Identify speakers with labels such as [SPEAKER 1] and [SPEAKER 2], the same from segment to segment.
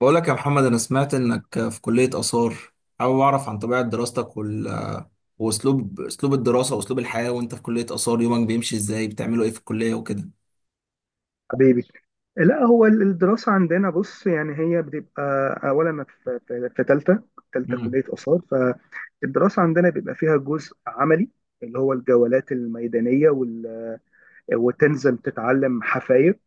[SPEAKER 1] بقولك يا محمد، أنا سمعت إنك في كلية آثار. حابب أعرف عن طبيعة دراستك وأسلوب الدراسة وأسلوب الحياة. وأنت في كلية آثار يومك بيمشي إزاي؟ بتعملوا إيه في الكلية وكده؟
[SPEAKER 2] حبيبي، لا هو الدراسة عندنا، بص يعني هي بتبقى أولا أنا في تالتة، تالتة
[SPEAKER 1] امم
[SPEAKER 2] كلية آثار. فالدراسة عندنا بيبقى فيها جزء عملي اللي هو الجولات الميدانية وتنزل تتعلم حفاير.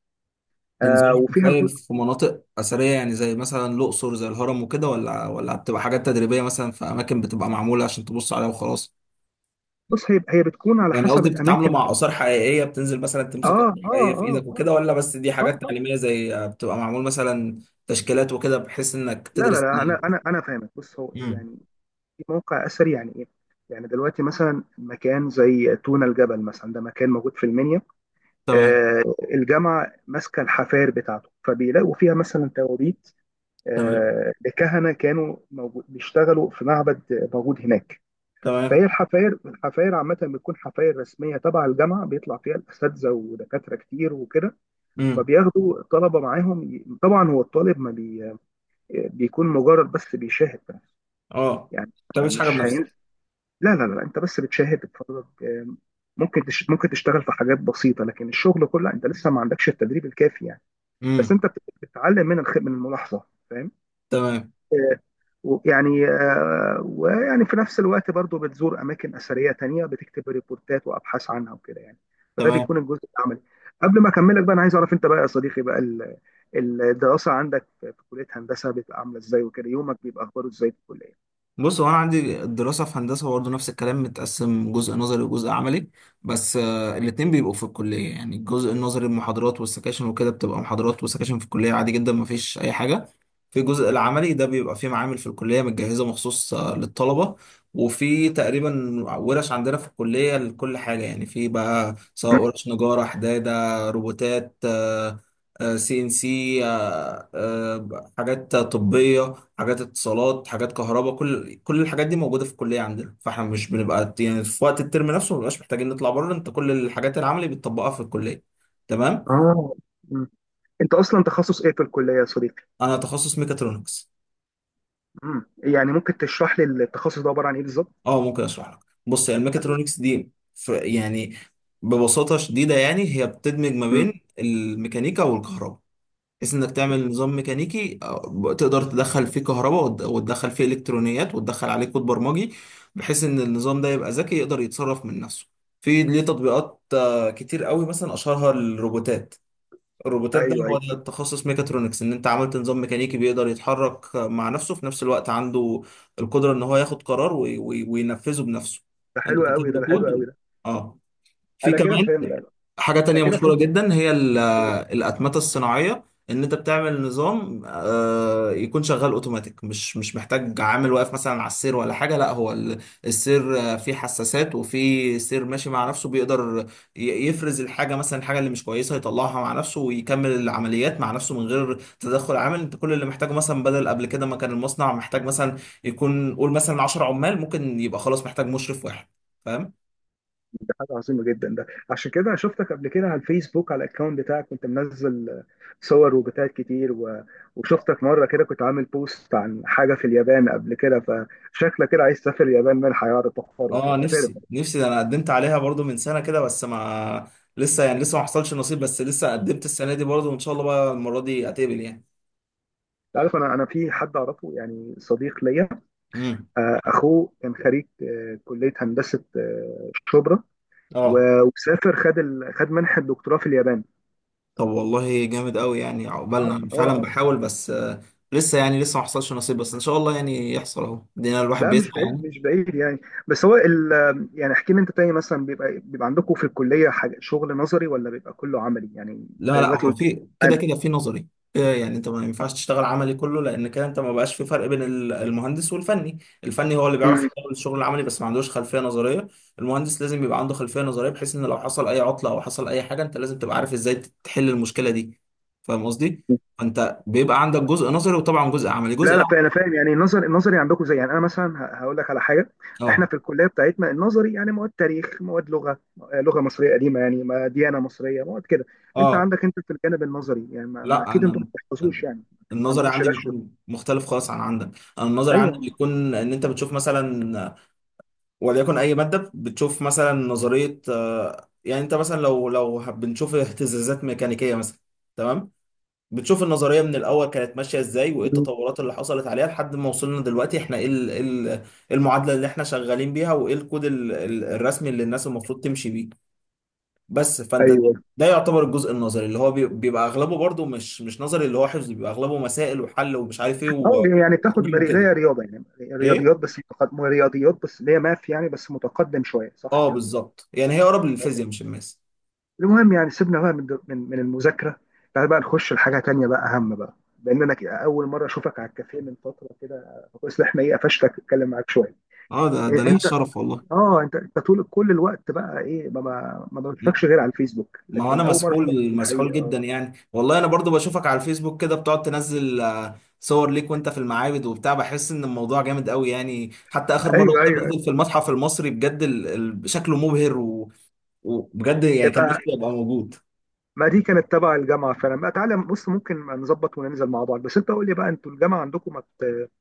[SPEAKER 1] تنزلوا
[SPEAKER 2] وفيها
[SPEAKER 1] تتفاعل
[SPEAKER 2] جزء.
[SPEAKER 1] في مناطق أثرية يعني زي مثلا الأقصر زي الهرم وكده، ولا بتبقى حاجات تدريبية مثلا في أماكن بتبقى معمولة عشان تبص عليها وخلاص؟
[SPEAKER 2] بص هي بتكون على
[SPEAKER 1] يعني
[SPEAKER 2] حسب
[SPEAKER 1] قصدي
[SPEAKER 2] الأماكن.
[SPEAKER 1] بتتعاملوا مع آثار حقيقية، بتنزل مثلا
[SPEAKER 2] آه
[SPEAKER 1] تمسك آثار
[SPEAKER 2] آه
[SPEAKER 1] حقيقية في
[SPEAKER 2] آه
[SPEAKER 1] إيدك
[SPEAKER 2] آه,
[SPEAKER 1] وكده، ولا بس دي
[SPEAKER 2] آه
[SPEAKER 1] حاجات
[SPEAKER 2] طبعا.
[SPEAKER 1] تعليمية زي بتبقى معمول مثلا تشكيلات وكده بحيث إنك
[SPEAKER 2] لا لا
[SPEAKER 1] تدرس
[SPEAKER 2] لا، أنا
[SPEAKER 1] ليه؟
[SPEAKER 2] أنا أنا فاهمك. بص هو إيه،
[SPEAKER 1] امم.
[SPEAKER 2] يعني في موقع أثري يعني إيه؟ يعني دلوقتي مثلا مكان زي تونا الجبل مثلا، ده مكان موجود في المنيا.
[SPEAKER 1] تمام،
[SPEAKER 2] آه، الجامعة ماسكة الحفاير بتاعته، فبيلاقوا فيها مثلا توابيت،
[SPEAKER 1] تمام،
[SPEAKER 2] لكهنة كانوا موجود بيشتغلوا في معبد موجود هناك. فهي
[SPEAKER 1] تمام.
[SPEAKER 2] الحفاير، عامة بتكون حفاير رسمية تبع الجامعة بيطلع فيها الأساتذة ودكاترة كتير وكده.
[SPEAKER 1] امم.
[SPEAKER 2] فبياخدوا الطلبة معاهم طبعا هو الطالب ما بي... بيكون مجرد بس بيشاهد بس
[SPEAKER 1] اه،
[SPEAKER 2] يعني.
[SPEAKER 1] ما بتعملش حاجه
[SPEAKER 2] مش
[SPEAKER 1] بنفسك.
[SPEAKER 2] هينسى. لا لا لا، أنت بس بتشاهد بتتفرج. آه، ممكن ممكن تشتغل في حاجات بسيطة، لكن الشغل كله أنت لسه ما عندكش التدريب الكافي يعني. بس
[SPEAKER 1] امم.
[SPEAKER 2] انت بتتعلم من من الملاحظه، فاهم.
[SPEAKER 1] تمام،
[SPEAKER 2] آه، ويعني آه، ويعني في نفس الوقت برضو بتزور اماكن اثريه تانية، بتكتب ريبورتات وابحاث عنها وكده يعني. فده
[SPEAKER 1] تمام.
[SPEAKER 2] بيكون الجزء العملي. قبل ما اكملك بقى، انا عايز اعرف انت بقى يا صديقي بقى، الدراسه عندك في كليه هندسه بتبقى عامله ازاي وكده، يومك بيبقى اخباره ازاي في الكليه؟
[SPEAKER 1] بص، هو انا عندي الدراسه في هندسه برضه نفس الكلام، متقسم جزء نظري وجزء عملي، بس الاتنين بيبقوا في الكليه. يعني الجزء النظري المحاضرات والسكاشن وكده، بتبقى محاضرات وسكاشن في الكليه عادي جدا، مفيش اي حاجه. في الجزء العملي ده بيبقى فيه معامل في الكليه متجهزه مخصوص للطلبه، وفي تقريبا ورش عندنا في الكليه لكل حاجه. يعني في بقى
[SPEAKER 2] مم.
[SPEAKER 1] سواء ورش نجاره، حداده، روبوتات، CNC، حاجات طبيه، حاجات اتصالات، حاجات كهرباء. كل الحاجات دي موجوده في الكليه عندنا، فاحنا مش بنبقى يعني في وقت الترم نفسه ما بنبقاش محتاجين نطلع بره. انت كل الحاجات العملي بتطبقها في الكليه. تمام.
[SPEAKER 2] اه. مم. انت اصلا تخصص ايه في الكليه يا صديقي؟
[SPEAKER 1] انا تخصص ميكاترونكس.
[SPEAKER 2] مم. يعني ممكن تشرح لي التخصص ده عباره عن ايه بالظبط؟
[SPEAKER 1] اه، ممكن اشرح لك. بص، يعني الميكاترونكس دي في يعني ببساطه شديده يعني هي بتدمج ما
[SPEAKER 2] مم.
[SPEAKER 1] بين الميكانيكا والكهرباء، بحيث انك تعمل نظام ميكانيكي تقدر تدخل فيه كهرباء وتدخل فيه الكترونيات وتدخل عليه كود برمجي، بحيث ان النظام ده يبقى ذكي يقدر يتصرف من نفسه. في ليه تطبيقات كتير قوي، مثلا اشهرها الروبوتات. الروبوتات ده
[SPEAKER 2] ايوه
[SPEAKER 1] هو
[SPEAKER 2] ايوه.
[SPEAKER 1] ده التخصص ميكاترونكس، ان انت عملت نظام ميكانيكي بيقدر يتحرك مع نفسه، في نفس الوقت عنده القدرة ان هو ياخد قرار وينفذه بنفسه.
[SPEAKER 2] ده
[SPEAKER 1] انت
[SPEAKER 2] حلو قوي
[SPEAKER 1] كاتب
[SPEAKER 2] ده،
[SPEAKER 1] له
[SPEAKER 2] ده حلو
[SPEAKER 1] كود
[SPEAKER 2] قوي ده.
[SPEAKER 1] اه. في
[SPEAKER 2] انا كده
[SPEAKER 1] كمان
[SPEAKER 2] فهمت انا.
[SPEAKER 1] حاجة
[SPEAKER 2] أنا
[SPEAKER 1] تانية
[SPEAKER 2] كده
[SPEAKER 1] مشهورة
[SPEAKER 2] فهمت
[SPEAKER 1] جدا هي
[SPEAKER 2] ده.
[SPEAKER 1] الأتمتة الصناعية، إن أنت بتعمل نظام يكون شغال أوتوماتيك، مش محتاج عامل واقف مثلا على السير ولا حاجة. لا، هو السير فيه حساسات وفيه سير ماشي مع نفسه، بيقدر يفرز الحاجة، مثلا الحاجة اللي مش كويسة يطلعها مع نفسه ويكمل العمليات مع نفسه من غير تدخل عامل. أنت كل اللي محتاجه مثلا، بدل قبل كده ما كان المصنع محتاج مثلا يكون، قول مثلا، 10 عمال، ممكن يبقى خلاص محتاج مشرف واحد. فاهم؟
[SPEAKER 2] حاجة عظيمة جدا ده. عشان كده أنا شفتك قبل كده على الفيسبوك على الأكونت بتاعك، كنت منزل صور وبتاعت كتير و... وشفتك مرة كده كنت عامل بوست عن حاجة في اليابان قبل كده، فشكلك كده عايز تسافر اليابان من الحياة تحفر
[SPEAKER 1] اه،
[SPEAKER 2] وكده، اعترف
[SPEAKER 1] نفسي،
[SPEAKER 2] أنت.
[SPEAKER 1] نفسي. ده انا قدمت عليها برضو من سنه كده، بس ما لسه يعني لسه ما حصلش نصيب، بس لسه قدمت السنه دي برضو، وان شاء الله بقى المره دي اتقبل يعني.
[SPEAKER 2] عارف، أنا في حد أعرفه يعني، صديق ليا،
[SPEAKER 1] امم.
[SPEAKER 2] آه، أخوه كان خريج آه، كلية هندسة آه، شبرا،
[SPEAKER 1] اه،
[SPEAKER 2] وسافر، خد خد منحة دكتوراه في اليابان.
[SPEAKER 1] طب والله جامد قوي يعني،
[SPEAKER 2] اه،
[SPEAKER 1] عقبالنا. أنا
[SPEAKER 2] اه
[SPEAKER 1] فعلا
[SPEAKER 2] آه.
[SPEAKER 1] بحاول بس لسه يعني لسه ما حصلش نصيب، بس ان شاء الله يعني يحصل اهو، دينا الواحد
[SPEAKER 2] لا
[SPEAKER 1] بيسعى.
[SPEAKER 2] مش بعيد، مش بعيد يعني. بس هو ال، يعني احكي لي انت تاني، مثلا بيبقى عندكم في الكليه حاجة شغل نظري، ولا بيبقى كله عملي؟ يعني انت
[SPEAKER 1] لا لا،
[SPEAKER 2] دلوقتي
[SPEAKER 1] هو
[SPEAKER 2] قلت
[SPEAKER 1] في كده
[SPEAKER 2] عملي.
[SPEAKER 1] كده في نظري يعني انت ما ينفعش تشتغل عملي كله، لان كده انت ما بقاش في فرق بين المهندس والفني. الفني هو اللي بيعرف
[SPEAKER 2] مم.
[SPEAKER 1] يشتغل الشغل العملي بس ما عندوش خلفية نظرية. المهندس لازم يبقى عنده خلفية نظرية، بحيث ان لو حصل اي عطلة او حصل اي حاجة انت لازم تبقى عارف ازاي تحل المشكلة دي. فاهم قصدي؟ فانت بيبقى عندك جزء نظري وطبعا جزء عملي. جزء
[SPEAKER 2] لا
[SPEAKER 1] لا،
[SPEAKER 2] لا انا فاهم يعني، النظري عندكم زي يعني، انا مثلا هقول لك على حاجه. احنا
[SPEAKER 1] اه
[SPEAKER 2] في الكليه بتاعتنا النظري يعني مواد تاريخ، مواد لغه آه، لغه مصريه قديمه يعني، ما ديانه مصريه، مواد كده. انت
[SPEAKER 1] اه،
[SPEAKER 2] عندك انت في الجانب النظري يعني، ما
[SPEAKER 1] لا.
[SPEAKER 2] اكيد انتم ما
[SPEAKER 1] انا
[SPEAKER 2] بتحفظوش يعني، ما
[SPEAKER 1] النظري
[SPEAKER 2] عندهمش
[SPEAKER 1] عندي
[SPEAKER 2] رشوه.
[SPEAKER 1] بيكون مختلف خالص عن عندك. انا النظري عندي
[SPEAKER 2] ايوه.
[SPEAKER 1] بيكون ان انت بتشوف مثلا، وليكن اي ماده بتشوف مثلا نظريه يعني انت مثلا لو بنشوف اهتزازات ميكانيكيه مثلا، تمام، بتشوف النظريه من الاول كانت ماشيه ازاي، وايه
[SPEAKER 2] مم.
[SPEAKER 1] التطورات اللي حصلت عليها لحد ما وصلنا دلوقتي، احنا ايه ال- إيه ال- إيه المعادله اللي احنا شغالين بيها، وايه الكود الرسمي اللي الناس المفروض تمشي بيه. بس فانت
[SPEAKER 2] ايوه.
[SPEAKER 1] ده يعتبر الجزء النظري، اللي هو بيبقى اغلبه برضو مش نظري اللي هو حفظ، بيبقى اغلبه مسائل وحل ومش عارف ايه
[SPEAKER 2] اه يعني بتاخد
[SPEAKER 1] وتقييم
[SPEAKER 2] اللي
[SPEAKER 1] وكده.
[SPEAKER 2] هي رياضه يعني،
[SPEAKER 1] ايه.
[SPEAKER 2] رياضيات بس متقدم، رياضيات بس اللي هي ماث يعني بس متقدم شويه، صح
[SPEAKER 1] اه،
[SPEAKER 2] كده؟
[SPEAKER 1] بالظبط. يعني هي اقرب للفيزياء مش الماس.
[SPEAKER 2] المهم يعني سيبنا بقى من من المذاكره، تعال بقى نخش لحاجه تانية بقى اهم بقى. لان انا اول مره اشوفك على الكافيه من فتره كده، فكويس ان احنا ايه قفشتك اتكلم معاك شويه.
[SPEAKER 1] اه، ده
[SPEAKER 2] إيه
[SPEAKER 1] ليا
[SPEAKER 2] انت،
[SPEAKER 1] الشرف والله.
[SPEAKER 2] اه انت انت طول كل الوقت بقى ايه، ما
[SPEAKER 1] ما
[SPEAKER 2] بشوفكش غير على الفيسبوك،
[SPEAKER 1] ما هو انا
[SPEAKER 2] لكن اول مره اشوفك
[SPEAKER 1] مسحول،
[SPEAKER 2] في
[SPEAKER 1] مسحول
[SPEAKER 2] الحقيقه آه.
[SPEAKER 1] جدا يعني، والله. انا برضو بشوفك على الفيسبوك كده، بتقعد تنزل صور ليك وانت في المعابد وبتاع، بحس ان الموضوع جامد قوي يعني. حتى اخر مره
[SPEAKER 2] ايوه
[SPEAKER 1] وانت
[SPEAKER 2] ايوه.
[SPEAKER 1] نزل في المتحف المصري، بجد شكله مبهر وبجد يعني كان
[SPEAKER 2] يبقى
[SPEAKER 1] نفسي ابقى موجود.
[SPEAKER 2] ما دي كانت تبع الجامعه فعلا بقى. تعالى بص، ممكن نظبط وننزل مع بعض. بس انت قول لي بقى، انتوا الجامعه عندكم ما بت-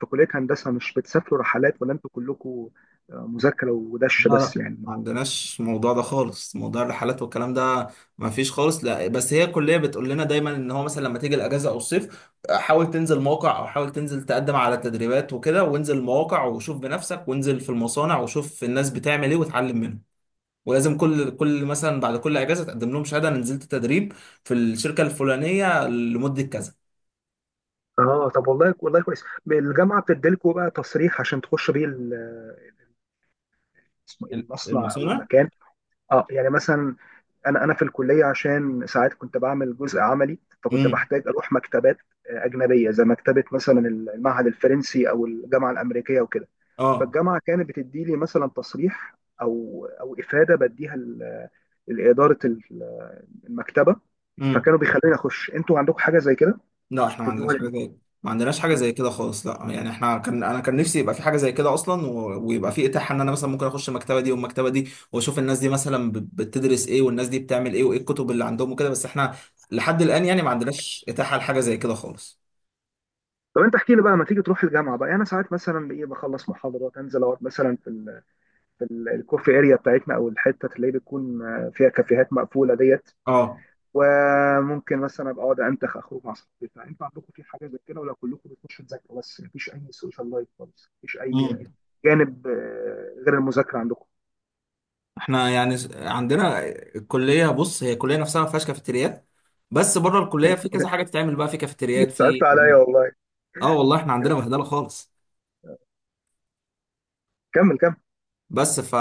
[SPEAKER 2] في كلية هندسة مش بتسافروا رحلات، ولا انتوا كلكم مذاكرة
[SPEAKER 1] لا
[SPEAKER 2] ودش بس
[SPEAKER 1] لا،
[SPEAKER 2] يعني؟
[SPEAKER 1] ما عندناش الموضوع ده خالص، موضوع الرحلات والكلام ده ما فيش خالص. لا، بس هي الكليه بتقول لنا دايما ان هو مثلا لما تيجي الاجازه او الصيف حاول تنزل موقع، او حاول تنزل تقدم على تدريبات وكده، وانزل المواقع وشوف بنفسك، وانزل في المصانع وشوف الناس بتعمل ايه وتعلم منهم. ولازم كل مثلا بعد كل اجازه تقدم لهم شهاده انا نزلت تدريب في الشركه الفلانيه لمده كذا.
[SPEAKER 2] اه طب والله والله كويس. الجامعة بتديلكوا بقى تصريح عشان تخشوا بيه اسمه ايه، المصنع او
[SPEAKER 1] المصانع.
[SPEAKER 2] المكان؟ اه يعني مثلا انا انا في الكلية، عشان ساعات كنت بعمل جزء عملي، فكنت
[SPEAKER 1] امم.
[SPEAKER 2] بحتاج اروح مكتبات آه، اجنبية زي مكتبة مثلا المعهد الفرنسي او الجامعة الامريكية وكده.
[SPEAKER 1] اه،
[SPEAKER 2] فالجامعة كانت بتدي لي مثلا تصريح، او افادة بديها لإدارة المكتبه، فكانوا بيخلوني اخش. انتوا عندكم حاجه زي كده
[SPEAKER 1] لا احنا
[SPEAKER 2] تدوها لي؟
[SPEAKER 1] ما عندناش حاجه
[SPEAKER 2] مم.
[SPEAKER 1] زي كده خالص. لا يعني احنا كان انا كان نفسي يبقى في حاجه زي كده اصلا، ويبقى في اتاحه ان انا مثلا ممكن اخش المكتبه دي والمكتبه دي واشوف الناس دي مثلا بتدرس ايه، والناس دي بتعمل ايه، وايه الكتب اللي عندهم وكده. بس احنا لحد الان يعني ما عندناش اتاحه لحاجه زي كده خالص.
[SPEAKER 2] طب انت احكي لي بقى، لما تيجي تروح الجامعه بقى، يعني انا ساعات مثلا ايه، بخلص محاضرات انزل اقعد مثلا في الكوفي اريا بتاعتنا، او الحته اللي هي بتكون آه، فيها كافيهات مقفوله ديت،
[SPEAKER 1] اه.
[SPEAKER 2] وممكن مثلا ابقى اقعد انتخ اخرج مع صحابي بتاع انتوا عندكم في حاجه زي كده ولا كلكم بتخشوا تذاكروا بس، مفيش اي سوشيال لايف خالص، مفيش اي
[SPEAKER 1] امم.
[SPEAKER 2] جانب آه، غير المذاكره عندكم؟
[SPEAKER 1] احنا يعني عندنا الكليه، بص هي الكليه نفسها ما فيهاش كافيتريات، بس بره الكليه في كذا حاجه بتتعمل بقى، في كافيتريات،
[SPEAKER 2] صعبت
[SPEAKER 1] في
[SPEAKER 2] عليا
[SPEAKER 1] يعني.
[SPEAKER 2] والله.
[SPEAKER 1] اه والله، احنا عندنا بهدله خالص.
[SPEAKER 2] كمل كمل.
[SPEAKER 1] بس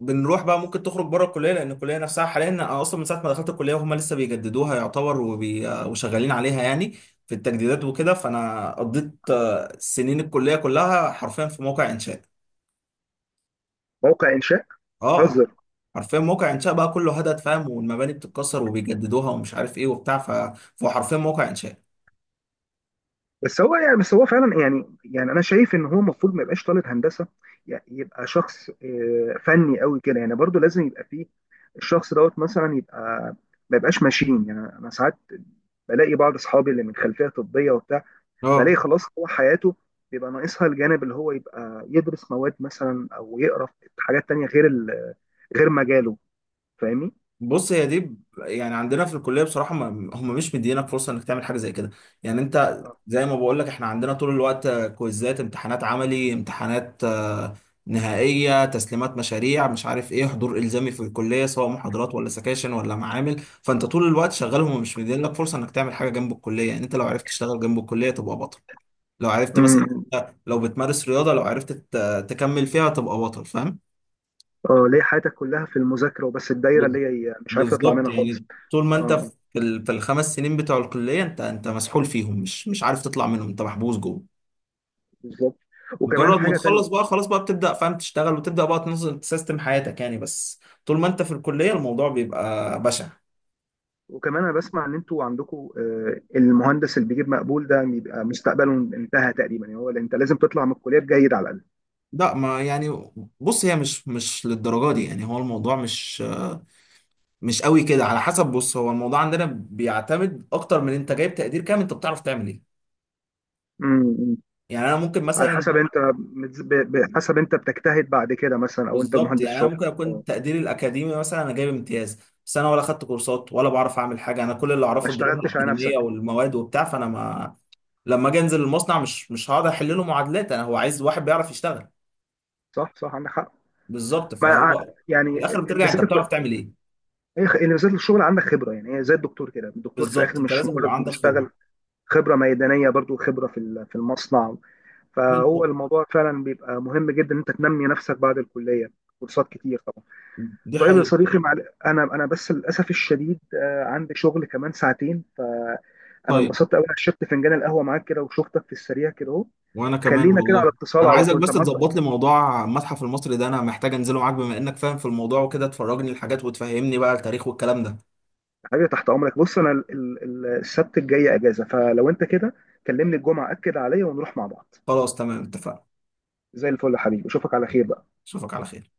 [SPEAKER 1] بنروح بقى، ممكن تخرج بره الكليه. لان الكليه نفسها حاليا، انا اصلا من ساعه ما دخلت الكليه وهم لسه بيجددوها يعتبر، وبي... آه، وشغالين عليها يعني في التجديدات وكده، فانا قضيت سنين الكليه كلها حرفيا في موقع انشاء.
[SPEAKER 2] موقع انشاء،
[SPEAKER 1] اه،
[SPEAKER 2] هزر.
[SPEAKER 1] حرفيا موقع انشاء بقى، كله هدد، فاهم، والمباني بتتكسر وبيجددوها ومش عارف ايه وبتاع، فهو حرفيا موقع انشاء.
[SPEAKER 2] بس هو يعني، بس هو فعلا يعني، يعني انا شايف ان هو المفروض ما يبقاش طالب هندسه يعني يبقى شخص آه، فني قوي كده يعني، برضو لازم يبقى فيه الشخص دوت مثلا، يبقى ما يبقاش ماشين يعني. انا ساعات بلاقي بعض اصحابي اللي من خلفيه طبيه وبتاع،
[SPEAKER 1] اه،
[SPEAKER 2] بلاقي خلاص هو حياته بيبقى ناقصها الجانب اللي هو يبقى يدرس مواد مثلا، او يقرا في حاجات تانية غير غير مجاله، فاهمني؟
[SPEAKER 1] بص هي دي يعني عندنا في الكليه بصراحه، ما هم مش مدينك فرصه انك تعمل حاجه زي كده. يعني انت
[SPEAKER 2] اه.
[SPEAKER 1] زي ما بقول لك، احنا عندنا طول الوقت كويزات، امتحانات عملي، امتحانات نهائيه، تسليمات مشاريع، مش عارف ايه، حضور الزامي في الكليه سواء محاضرات ولا سكاشن ولا معامل. فانت طول الوقت شغال، هم مش مدين لك فرصه انك تعمل حاجه جنب الكليه. يعني انت لو عرفت تشتغل جنب الكليه تبقى بطل، لو عرفت مثلا،
[SPEAKER 2] أمم.
[SPEAKER 1] لو بتمارس رياضه لو عرفت تكمل فيها تبقى بطل. فاهم؟
[SPEAKER 2] آه، ليه حياتك كلها في المذاكره وبس، الدايره اللي هي مش عارف تطلع
[SPEAKER 1] بالظبط
[SPEAKER 2] منها خالص.
[SPEAKER 1] يعني. طول ما انت
[SPEAKER 2] اه
[SPEAKER 1] في الخمس سنين بتوع الكليه انت مسحول فيهم مش عارف تطلع منهم، انت محبوس جوه.
[SPEAKER 2] بالظبط. وكمان
[SPEAKER 1] مجرد ما
[SPEAKER 2] حاجه تانية،
[SPEAKER 1] تخلص بقى خلاص بقى بتبدا، فاهم، تشتغل وتبدا بقى تنظم تسيستم حياتك يعني، بس طول ما انت في الكليه الموضوع بيبقى بشع.
[SPEAKER 2] وكمان انا بسمع ان انتوا عندكم آه، المهندس اللي بيجيب مقبول ده بيبقى مستقبله انتهى تقريبا يعني، هو انت لازم تطلع من الكليه بجيد على الاقل.
[SPEAKER 1] لا ما يعني، بص هي مش للدرجه دي، يعني هو الموضوع مش قوي كده، على حسب. بص هو الموضوع عندنا بيعتمد اكتر من انت جايب تقدير كام، انت بتعرف تعمل ايه.
[SPEAKER 2] امم.
[SPEAKER 1] يعني انا ممكن
[SPEAKER 2] على
[SPEAKER 1] مثلا،
[SPEAKER 2] حسب انت حسب انت بتجتهد بعد كده مثلا، او انت
[SPEAKER 1] بالظبط،
[SPEAKER 2] مهندس
[SPEAKER 1] يعني انا
[SPEAKER 2] شاطر.
[SPEAKER 1] ممكن
[SPEAKER 2] آه،
[SPEAKER 1] اكون تقديري الاكاديمي مثلا انا جايب امتياز، بس انا ولا خدت كورسات ولا بعرف اعمل حاجه. انا كل اللي
[SPEAKER 2] ما
[SPEAKER 1] اعرفه الدراسه
[SPEAKER 2] اشتغلتش على
[SPEAKER 1] الاكاديميه
[SPEAKER 2] نفسك.
[SPEAKER 1] والمواد وبتاع، فانا ما لما اجي انزل المصنع مش هقعد احل له معادلات، انا هو عايز واحد بيعرف يشتغل.
[SPEAKER 2] صح صح عندك حق.
[SPEAKER 1] بالظبط
[SPEAKER 2] ما ع-
[SPEAKER 1] فهو
[SPEAKER 2] يعني
[SPEAKER 1] في الاخر بترجع انت
[SPEAKER 2] بالذات
[SPEAKER 1] بتعرف تعمل ايه.
[SPEAKER 2] هي اللي بالذات الشغل عندك خبره يعني، هي زي الدكتور كده، الدكتور في
[SPEAKER 1] بالظبط،
[SPEAKER 2] الاخر
[SPEAKER 1] انت
[SPEAKER 2] مش
[SPEAKER 1] لازم يبقى
[SPEAKER 2] مجرد
[SPEAKER 1] عندك خبره.
[SPEAKER 2] بيشتغل، خبره ميدانيه برضو، خبره في المصنع. فهو
[SPEAKER 1] بالظبط،
[SPEAKER 2] الموضوع فعلا بيبقى مهم جدا ان انت تنمي نفسك بعد الكليه، كورسات كتير طبعا.
[SPEAKER 1] دي
[SPEAKER 2] طيب يا
[SPEAKER 1] حقيقه.
[SPEAKER 2] صديقي، انا انا بس للاسف الشديد آه، عندي شغل كمان 2 فانا.
[SPEAKER 1] طيب،
[SPEAKER 2] انبسطت قوي، شربت فنجان القهوه معاك كده وشفتك في السريع كده اهو.
[SPEAKER 1] وانا كمان
[SPEAKER 2] خلينا كده على
[SPEAKER 1] والله.
[SPEAKER 2] اتصال
[SPEAKER 1] انا
[SPEAKER 2] على
[SPEAKER 1] عايزك
[SPEAKER 2] طول، انت
[SPEAKER 1] بس
[SPEAKER 2] معاك.
[SPEAKER 1] تظبط لي موضوع المتحف المصري ده، انا محتاج انزله معاك بما انك فاهم في الموضوع وكده، تفرجني الحاجات وتفهمني بقى التاريخ والكلام ده.
[SPEAKER 2] حبيبي تحت امرك. بص انا السبت الجاي اجازه، فلو انت كده كلمني الجمعه اكد عليا ونروح مع بعض.
[SPEAKER 1] خلاص تمام، اتفقنا.
[SPEAKER 2] زي الفل يا حبيبي، اشوفك على خير.
[SPEAKER 1] اشوفك على خير.